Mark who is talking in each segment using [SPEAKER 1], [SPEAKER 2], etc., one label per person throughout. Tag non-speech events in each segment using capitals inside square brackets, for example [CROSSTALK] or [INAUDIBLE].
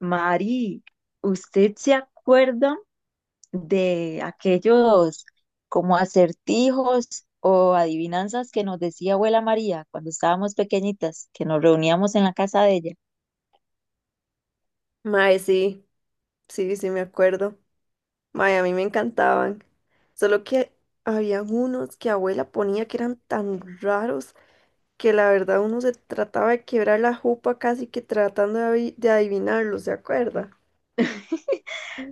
[SPEAKER 1] Mari, ¿usted se acuerda de aquellos como acertijos o adivinanzas que nos decía abuela María cuando estábamos pequeñitas, que nos reuníamos en la casa de ella?
[SPEAKER 2] Mae, sí, sí, sí, me acuerdo. Mae, a mí me encantaban. Solo que habían unos que abuela ponía que eran tan raros que la verdad uno se trataba de quebrar la jupa casi que tratando de, de adivinarlos, ¿se acuerda?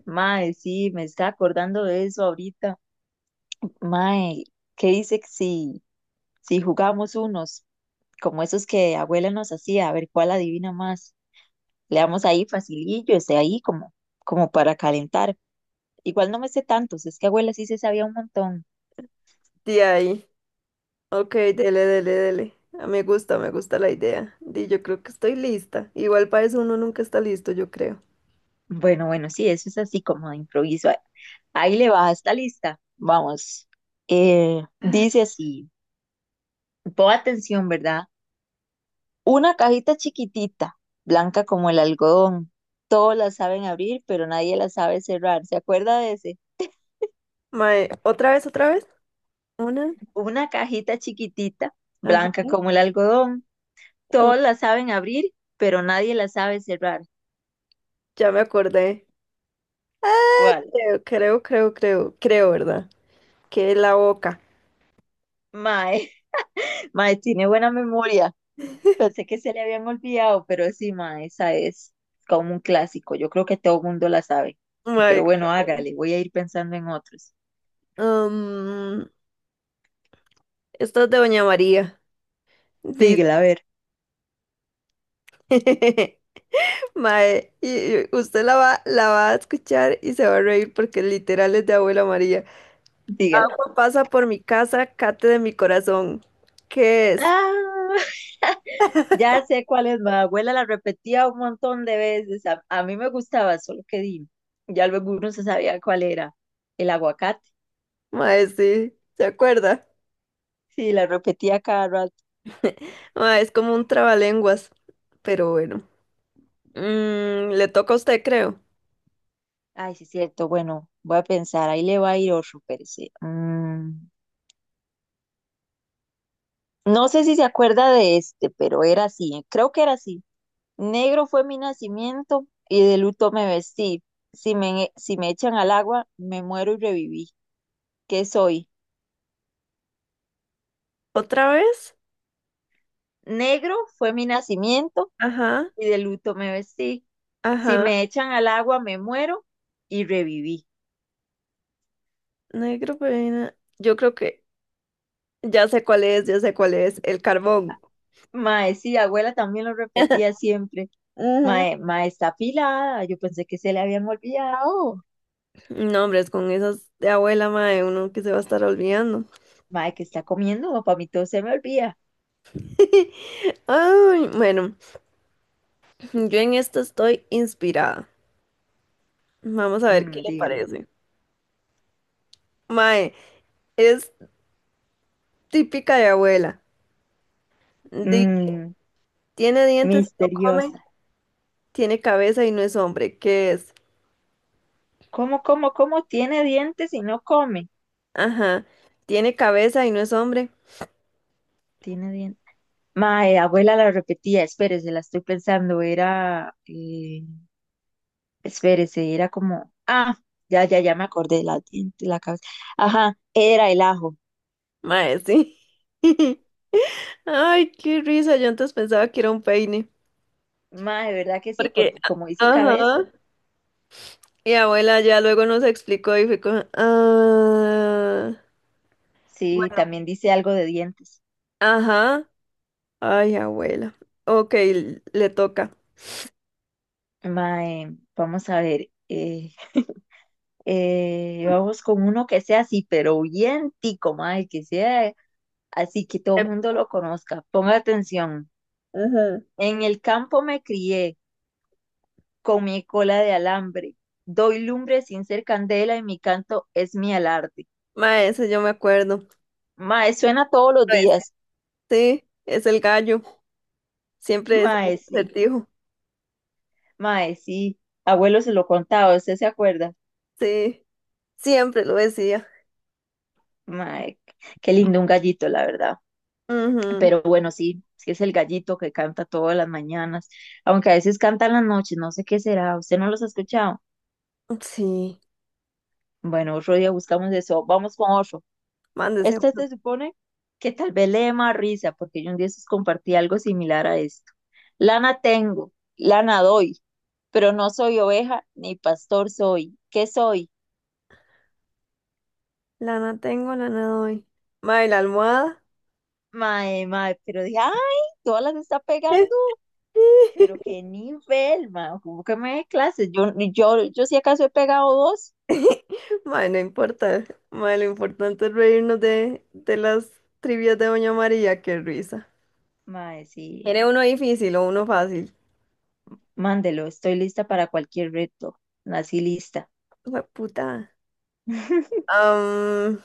[SPEAKER 1] Mae, sí, me está acordando de eso ahorita. Mae, ¿qué dice que si jugamos unos como esos que abuela nos hacía? A ver cuál adivina más. Le damos ahí facilillo, ese ahí como para calentar. Igual no me sé tantos, es que abuela sí se sabía un montón.
[SPEAKER 2] De ahí. Ok, dele, dele, dele. Ah, me gusta, me gusta la idea. Di, yo creo que estoy lista. Igual para eso uno nunca está listo, yo creo.
[SPEAKER 1] Bueno, sí, eso es así como de improviso. Ahí le va esta lista. Vamos. Dice así, pon atención, ¿verdad? Una cajita chiquitita, blanca como el algodón. Todos la saben abrir, pero nadie la sabe cerrar. ¿Se acuerda de ese?
[SPEAKER 2] Mae, ¿otra vez, otra vez? Una.
[SPEAKER 1] Una cajita chiquitita,
[SPEAKER 2] Ajá.
[SPEAKER 1] blanca como el algodón.
[SPEAKER 2] Dos.
[SPEAKER 1] Todos la saben abrir, pero nadie la sabe cerrar.
[SPEAKER 2] Ya me acordé. Ah,
[SPEAKER 1] ¿Cuál?
[SPEAKER 2] creo, ¿verdad? Que la boca.
[SPEAKER 1] Mae, [LAUGHS] Mae, tiene buena memoria.
[SPEAKER 2] [LAUGHS]
[SPEAKER 1] Pensé que se le habían olvidado, pero sí, ma, esa es como un clásico. Yo creo que todo mundo la sabe. Pero
[SPEAKER 2] Mae,
[SPEAKER 1] bueno, hágale, voy a ir pensando en otros.
[SPEAKER 2] am, esto es de Doña María. Dice,
[SPEAKER 1] Dígala, a ver,
[SPEAKER 2] [LAUGHS] mae, y usted la va a escuchar y se va a reír porque literal es de Abuela María.
[SPEAKER 1] dígala.
[SPEAKER 2] Agua pasa por mi casa, cate de mi corazón. ¿Qué es?
[SPEAKER 1] Ah, [LAUGHS] ya sé cuál es, ma. Abuela la repetía un montón de veces. A mí me gustaba, solo que di, ya luego uno se sabía cuál era. El aguacate.
[SPEAKER 2] Mae, sí, ¿se acuerda?
[SPEAKER 1] Sí, la repetía cada rato.
[SPEAKER 2] [LAUGHS] Mae, es como un trabalenguas, pero bueno. Mm, le toca a usted, creo.
[SPEAKER 1] Ay, sí, es cierto. Bueno, voy a pensar. Ahí le va a ir otro, pero sí. Mm. No sé si se acuerda de este, pero era así, creo que era así. Negro fue mi nacimiento y de luto me vestí. Si me echan al agua, me muero y reviví. ¿Qué soy?
[SPEAKER 2] ¿Otra vez?
[SPEAKER 1] Negro fue mi nacimiento
[SPEAKER 2] Ajá,
[SPEAKER 1] y de luto me vestí. Si
[SPEAKER 2] ajá.
[SPEAKER 1] me echan al agua, me muero y reviví.
[SPEAKER 2] Negro, pero... Yo creo que ya sé cuál es, ya sé cuál es, el carbón.
[SPEAKER 1] Mae, sí, abuela también lo repetía siempre.
[SPEAKER 2] Ujú.
[SPEAKER 1] Mae, mae está afilada. Yo pensé que se le habían olvidado.
[SPEAKER 2] No, hombre, es con esas de abuela, mae, uno que se va a estar olvidando.
[SPEAKER 1] Mae, que está comiendo? Para mí todo se me olvida.
[SPEAKER 2] [LAUGHS] Ay, bueno, yo en esta estoy inspirada. Vamos a ver qué
[SPEAKER 1] Mm,
[SPEAKER 2] le
[SPEAKER 1] dígalo.
[SPEAKER 2] parece. Mae, es típica de abuela. Di-
[SPEAKER 1] Mm,
[SPEAKER 2] Tiene dientes y no come,
[SPEAKER 1] misteriosa.
[SPEAKER 2] tiene cabeza y no es hombre. ¿Qué es?
[SPEAKER 1] ¿Cómo, cómo, cómo tiene dientes y no come?
[SPEAKER 2] Ajá, tiene cabeza y no es hombre.
[SPEAKER 1] Tiene dientes. Mae, abuela la repetía, espérese, la estoy pensando, era, espérese, era como, ya me acordé, la, diente, la cabeza, ajá, era el ajo.
[SPEAKER 2] Mae, sí. [LAUGHS] Ay, qué risa, yo antes pensaba que era un peine.
[SPEAKER 1] Mae, ¿verdad que sí?
[SPEAKER 2] Porque,
[SPEAKER 1] Porque como dice
[SPEAKER 2] ajá,
[SPEAKER 1] cabeza,
[SPEAKER 2] mi abuela ya luego nos explicó y fue como, ah,
[SPEAKER 1] sí,
[SPEAKER 2] bueno,
[SPEAKER 1] también dice algo de dientes.
[SPEAKER 2] ajá, ay, abuela, ok, le toca.
[SPEAKER 1] Mae, vamos a ver, vamos con uno que sea así, pero bien tico, mae, que sea así que todo el
[SPEAKER 2] Ep.
[SPEAKER 1] mundo lo conozca. Ponga atención.
[SPEAKER 2] Ajá.
[SPEAKER 1] En el campo me crié con mi cola de alambre. Doy lumbre sin ser candela y mi canto es mi alarde.
[SPEAKER 2] Ma, ese yo me acuerdo.
[SPEAKER 1] Mae, suena todos los
[SPEAKER 2] Pues,
[SPEAKER 1] días.
[SPEAKER 2] sí, es el gallo, siempre es el
[SPEAKER 1] Mae, sí.
[SPEAKER 2] acertijo,
[SPEAKER 1] Mae, sí. Abuelo se lo contaba, ¿usted se acuerda?
[SPEAKER 2] sí, siempre lo decía.
[SPEAKER 1] Mae, qué lindo un gallito, la verdad.
[SPEAKER 2] Ujú.
[SPEAKER 1] Pero bueno, sí, sí es el gallito que canta todas las mañanas, aunque a veces canta en las noches, no sé qué será. ¿Usted no los ha escuchado?
[SPEAKER 2] Sí,
[SPEAKER 1] Bueno, otro día buscamos eso. Vamos con otro.
[SPEAKER 2] mándese.
[SPEAKER 1] Este
[SPEAKER 2] Uno.
[SPEAKER 1] se supone que tal vez le dé más risa, porque yo un día sus compartí algo similar a esto. Lana tengo, lana doy, pero no soy oveja ni pastor soy. ¿Qué soy?
[SPEAKER 2] Lana tengo, lana doy. Ma, ¿y la almohada?
[SPEAKER 1] Mae, pero dije, ay, todas las está pegando, pero
[SPEAKER 2] [LAUGHS]
[SPEAKER 1] qué nivel, mae, como que me dé clases. Yo si acaso he pegado dos.
[SPEAKER 2] [LAUGHS] Mae, no importa. Mae, lo importante es reírnos de las trivias de Doña María, qué risa.
[SPEAKER 1] Mae, sí,
[SPEAKER 2] ¿Quiere uno difícil o uno fácil?
[SPEAKER 1] mándelo, estoy lista para cualquier reto. Nací lista.
[SPEAKER 2] Hue puta.
[SPEAKER 1] [LAUGHS]
[SPEAKER 2] Am,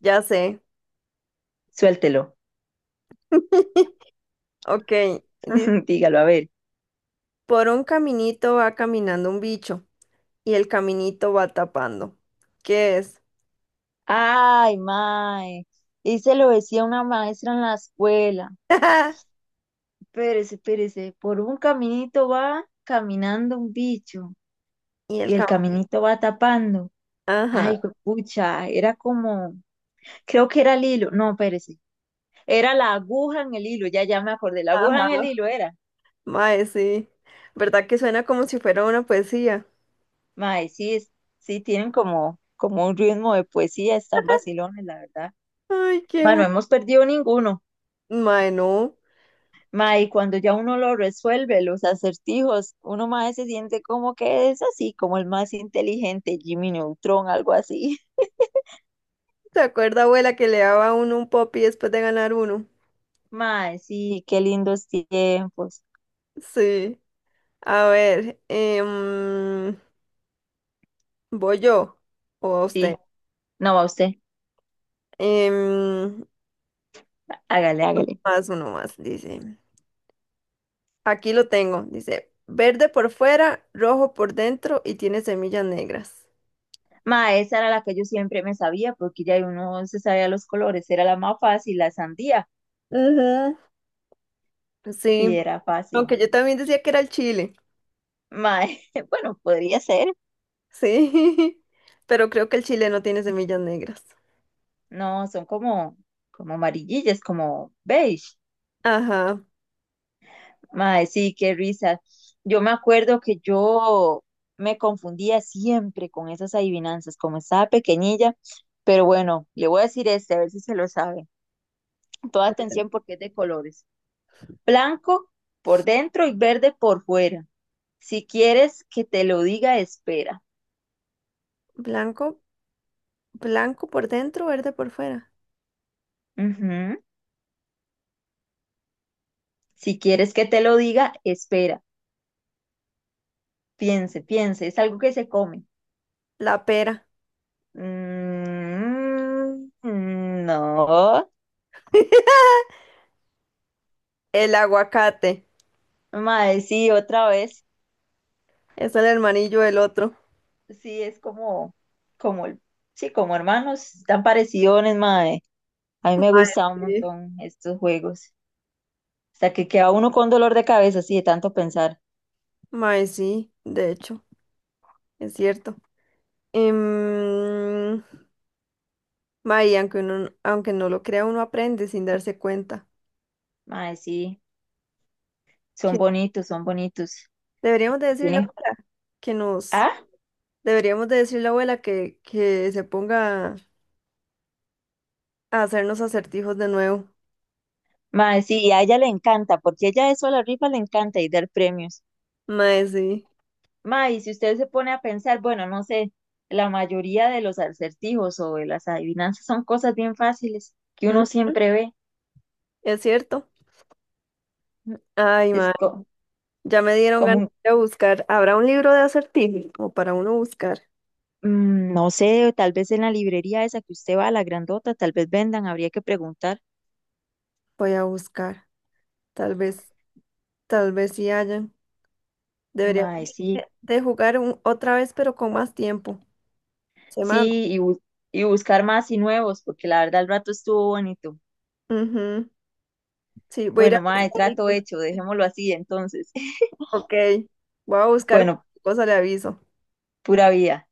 [SPEAKER 2] ya sé.
[SPEAKER 1] Suéltelo,
[SPEAKER 2] [LAUGHS] Ok. Dice,
[SPEAKER 1] [LAUGHS] dígalo, a ver.
[SPEAKER 2] por un caminito va caminando un bicho y el caminito va tapando. ¿Qué es?
[SPEAKER 1] Ay, mae. Y se lo decía una maestra en la escuela.
[SPEAKER 2] [LAUGHS]
[SPEAKER 1] Espérese, espérese. Por un caminito va caminando un bicho
[SPEAKER 2] Y el
[SPEAKER 1] y el
[SPEAKER 2] caminito.
[SPEAKER 1] caminito va tapando.
[SPEAKER 2] Ajá,
[SPEAKER 1] Ay, pucha, era como, creo que era el hilo. No, espérese. Era la aguja en el hilo, ya, ya me acordé. La aguja en el
[SPEAKER 2] ajá.
[SPEAKER 1] hilo era.
[SPEAKER 2] Mae, sí. ¿Verdad que suena como si fuera una poesía?
[SPEAKER 1] Mae, sí, sí tienen como, como un ritmo de poesía, están vacilones, la verdad.
[SPEAKER 2] Ay, qué.
[SPEAKER 1] Bueno, hemos perdido ninguno.
[SPEAKER 2] Mae, no.
[SPEAKER 1] Mae, y cuando ya uno lo resuelve, los acertijos, uno más se siente como que es así, como el más inteligente, Jimmy Neutron, algo así.
[SPEAKER 2] ¿Te acuerdas, abuela, que le daba a uno un popi después de ganar uno?
[SPEAKER 1] [LAUGHS] Mae, sí, qué lindos tiempos.
[SPEAKER 2] Sí. A ver, ¿voy yo o a usted?
[SPEAKER 1] Sí, no va usted,
[SPEAKER 2] Em,
[SPEAKER 1] hágale.
[SPEAKER 2] más uno más, dice. Aquí lo tengo, dice. Verde por fuera, rojo por dentro y tiene semillas negras.
[SPEAKER 1] Mae, esa era la que yo siempre me sabía, porque ya uno se sabía los colores, era la más fácil, la sandía.
[SPEAKER 2] Ujú.
[SPEAKER 1] Sí,
[SPEAKER 2] Sí,
[SPEAKER 1] era fácil.
[SPEAKER 2] aunque yo también decía que era el chile.
[SPEAKER 1] Mae, [LAUGHS] bueno, podría ser.
[SPEAKER 2] Sí, [LAUGHS] pero creo que el chile no tiene semillas negras.
[SPEAKER 1] No, son como, como amarillillas, como beige.
[SPEAKER 2] Ajá.
[SPEAKER 1] Mae, sí, qué risa. Yo me acuerdo que yo me confundía siempre con esas adivinanzas, como estaba pequeñilla, pero bueno, le voy a decir este, a ver si se lo sabe. Toda atención porque es de colores. Blanco por dentro y verde por fuera. Si quieres que te lo diga, espera.
[SPEAKER 2] Blanco, blanco por dentro, verde por fuera.
[SPEAKER 1] Ujú. Si quieres que te lo diga, espera. Piense, es algo que se come.
[SPEAKER 2] La pera.
[SPEAKER 1] No.
[SPEAKER 2] [LAUGHS] El aguacate
[SPEAKER 1] Mae, sí, otra vez.
[SPEAKER 2] es el hermanillo del otro.
[SPEAKER 1] Sí, es como, como, el- sí, como hermanos, tan parecidos, mae. A mí me gustaban un
[SPEAKER 2] Sí.
[SPEAKER 1] montón estos juegos. Hasta que queda uno con dolor de cabeza, así de tanto pensar.
[SPEAKER 2] Mae, sí, de hecho, es cierto. Em, mae, aunque uno, aunque no lo crea, uno aprende sin darse cuenta.
[SPEAKER 1] Mae, sí, son
[SPEAKER 2] Que
[SPEAKER 1] bonitos, son bonitos.
[SPEAKER 2] deberíamos de decirle a la
[SPEAKER 1] Tienen,
[SPEAKER 2] abuela que nos,
[SPEAKER 1] ah,
[SPEAKER 2] deberíamos de decirle a la abuela que se ponga a hacernos acertijos de nuevo.
[SPEAKER 1] Mae, sí, y a ella le encanta, porque ella eso a la rifa le encanta y dar premios.
[SPEAKER 2] Mae, sí.
[SPEAKER 1] Mae, y si usted se pone a pensar, bueno, no sé, la mayoría de los acertijos o de las adivinanzas son cosas bien fáciles que
[SPEAKER 2] Mm,
[SPEAKER 1] uno siempre ve.
[SPEAKER 2] es cierto. Ay,
[SPEAKER 1] Es
[SPEAKER 2] mae,
[SPEAKER 1] co-
[SPEAKER 2] ya me dieron ganas
[SPEAKER 1] como,
[SPEAKER 2] de ir a buscar. ¿Habrá un libro de acertijos? O para uno buscar.
[SPEAKER 1] Mm, no sé, tal vez en la librería esa que usted va, la grandota, tal vez vendan, habría que preguntar.
[SPEAKER 2] Voy a buscar, tal vez. Tal vez sí hayan. Deberíamos
[SPEAKER 1] Mae, sí,
[SPEAKER 2] de jugar otra vez, pero con más tiempo. Semana.
[SPEAKER 1] sí, y buscar más y nuevos, porque la verdad el rato estuvo bonito.
[SPEAKER 2] Ujú. Sí, voy a ir a
[SPEAKER 1] Bueno, mae,
[SPEAKER 2] buscar.
[SPEAKER 1] trato hecho, dejémoslo así entonces. [LAUGHS]
[SPEAKER 2] Ok. Voy a buscar
[SPEAKER 1] Bueno,
[SPEAKER 2] cosa, le aviso.
[SPEAKER 1] pura vida.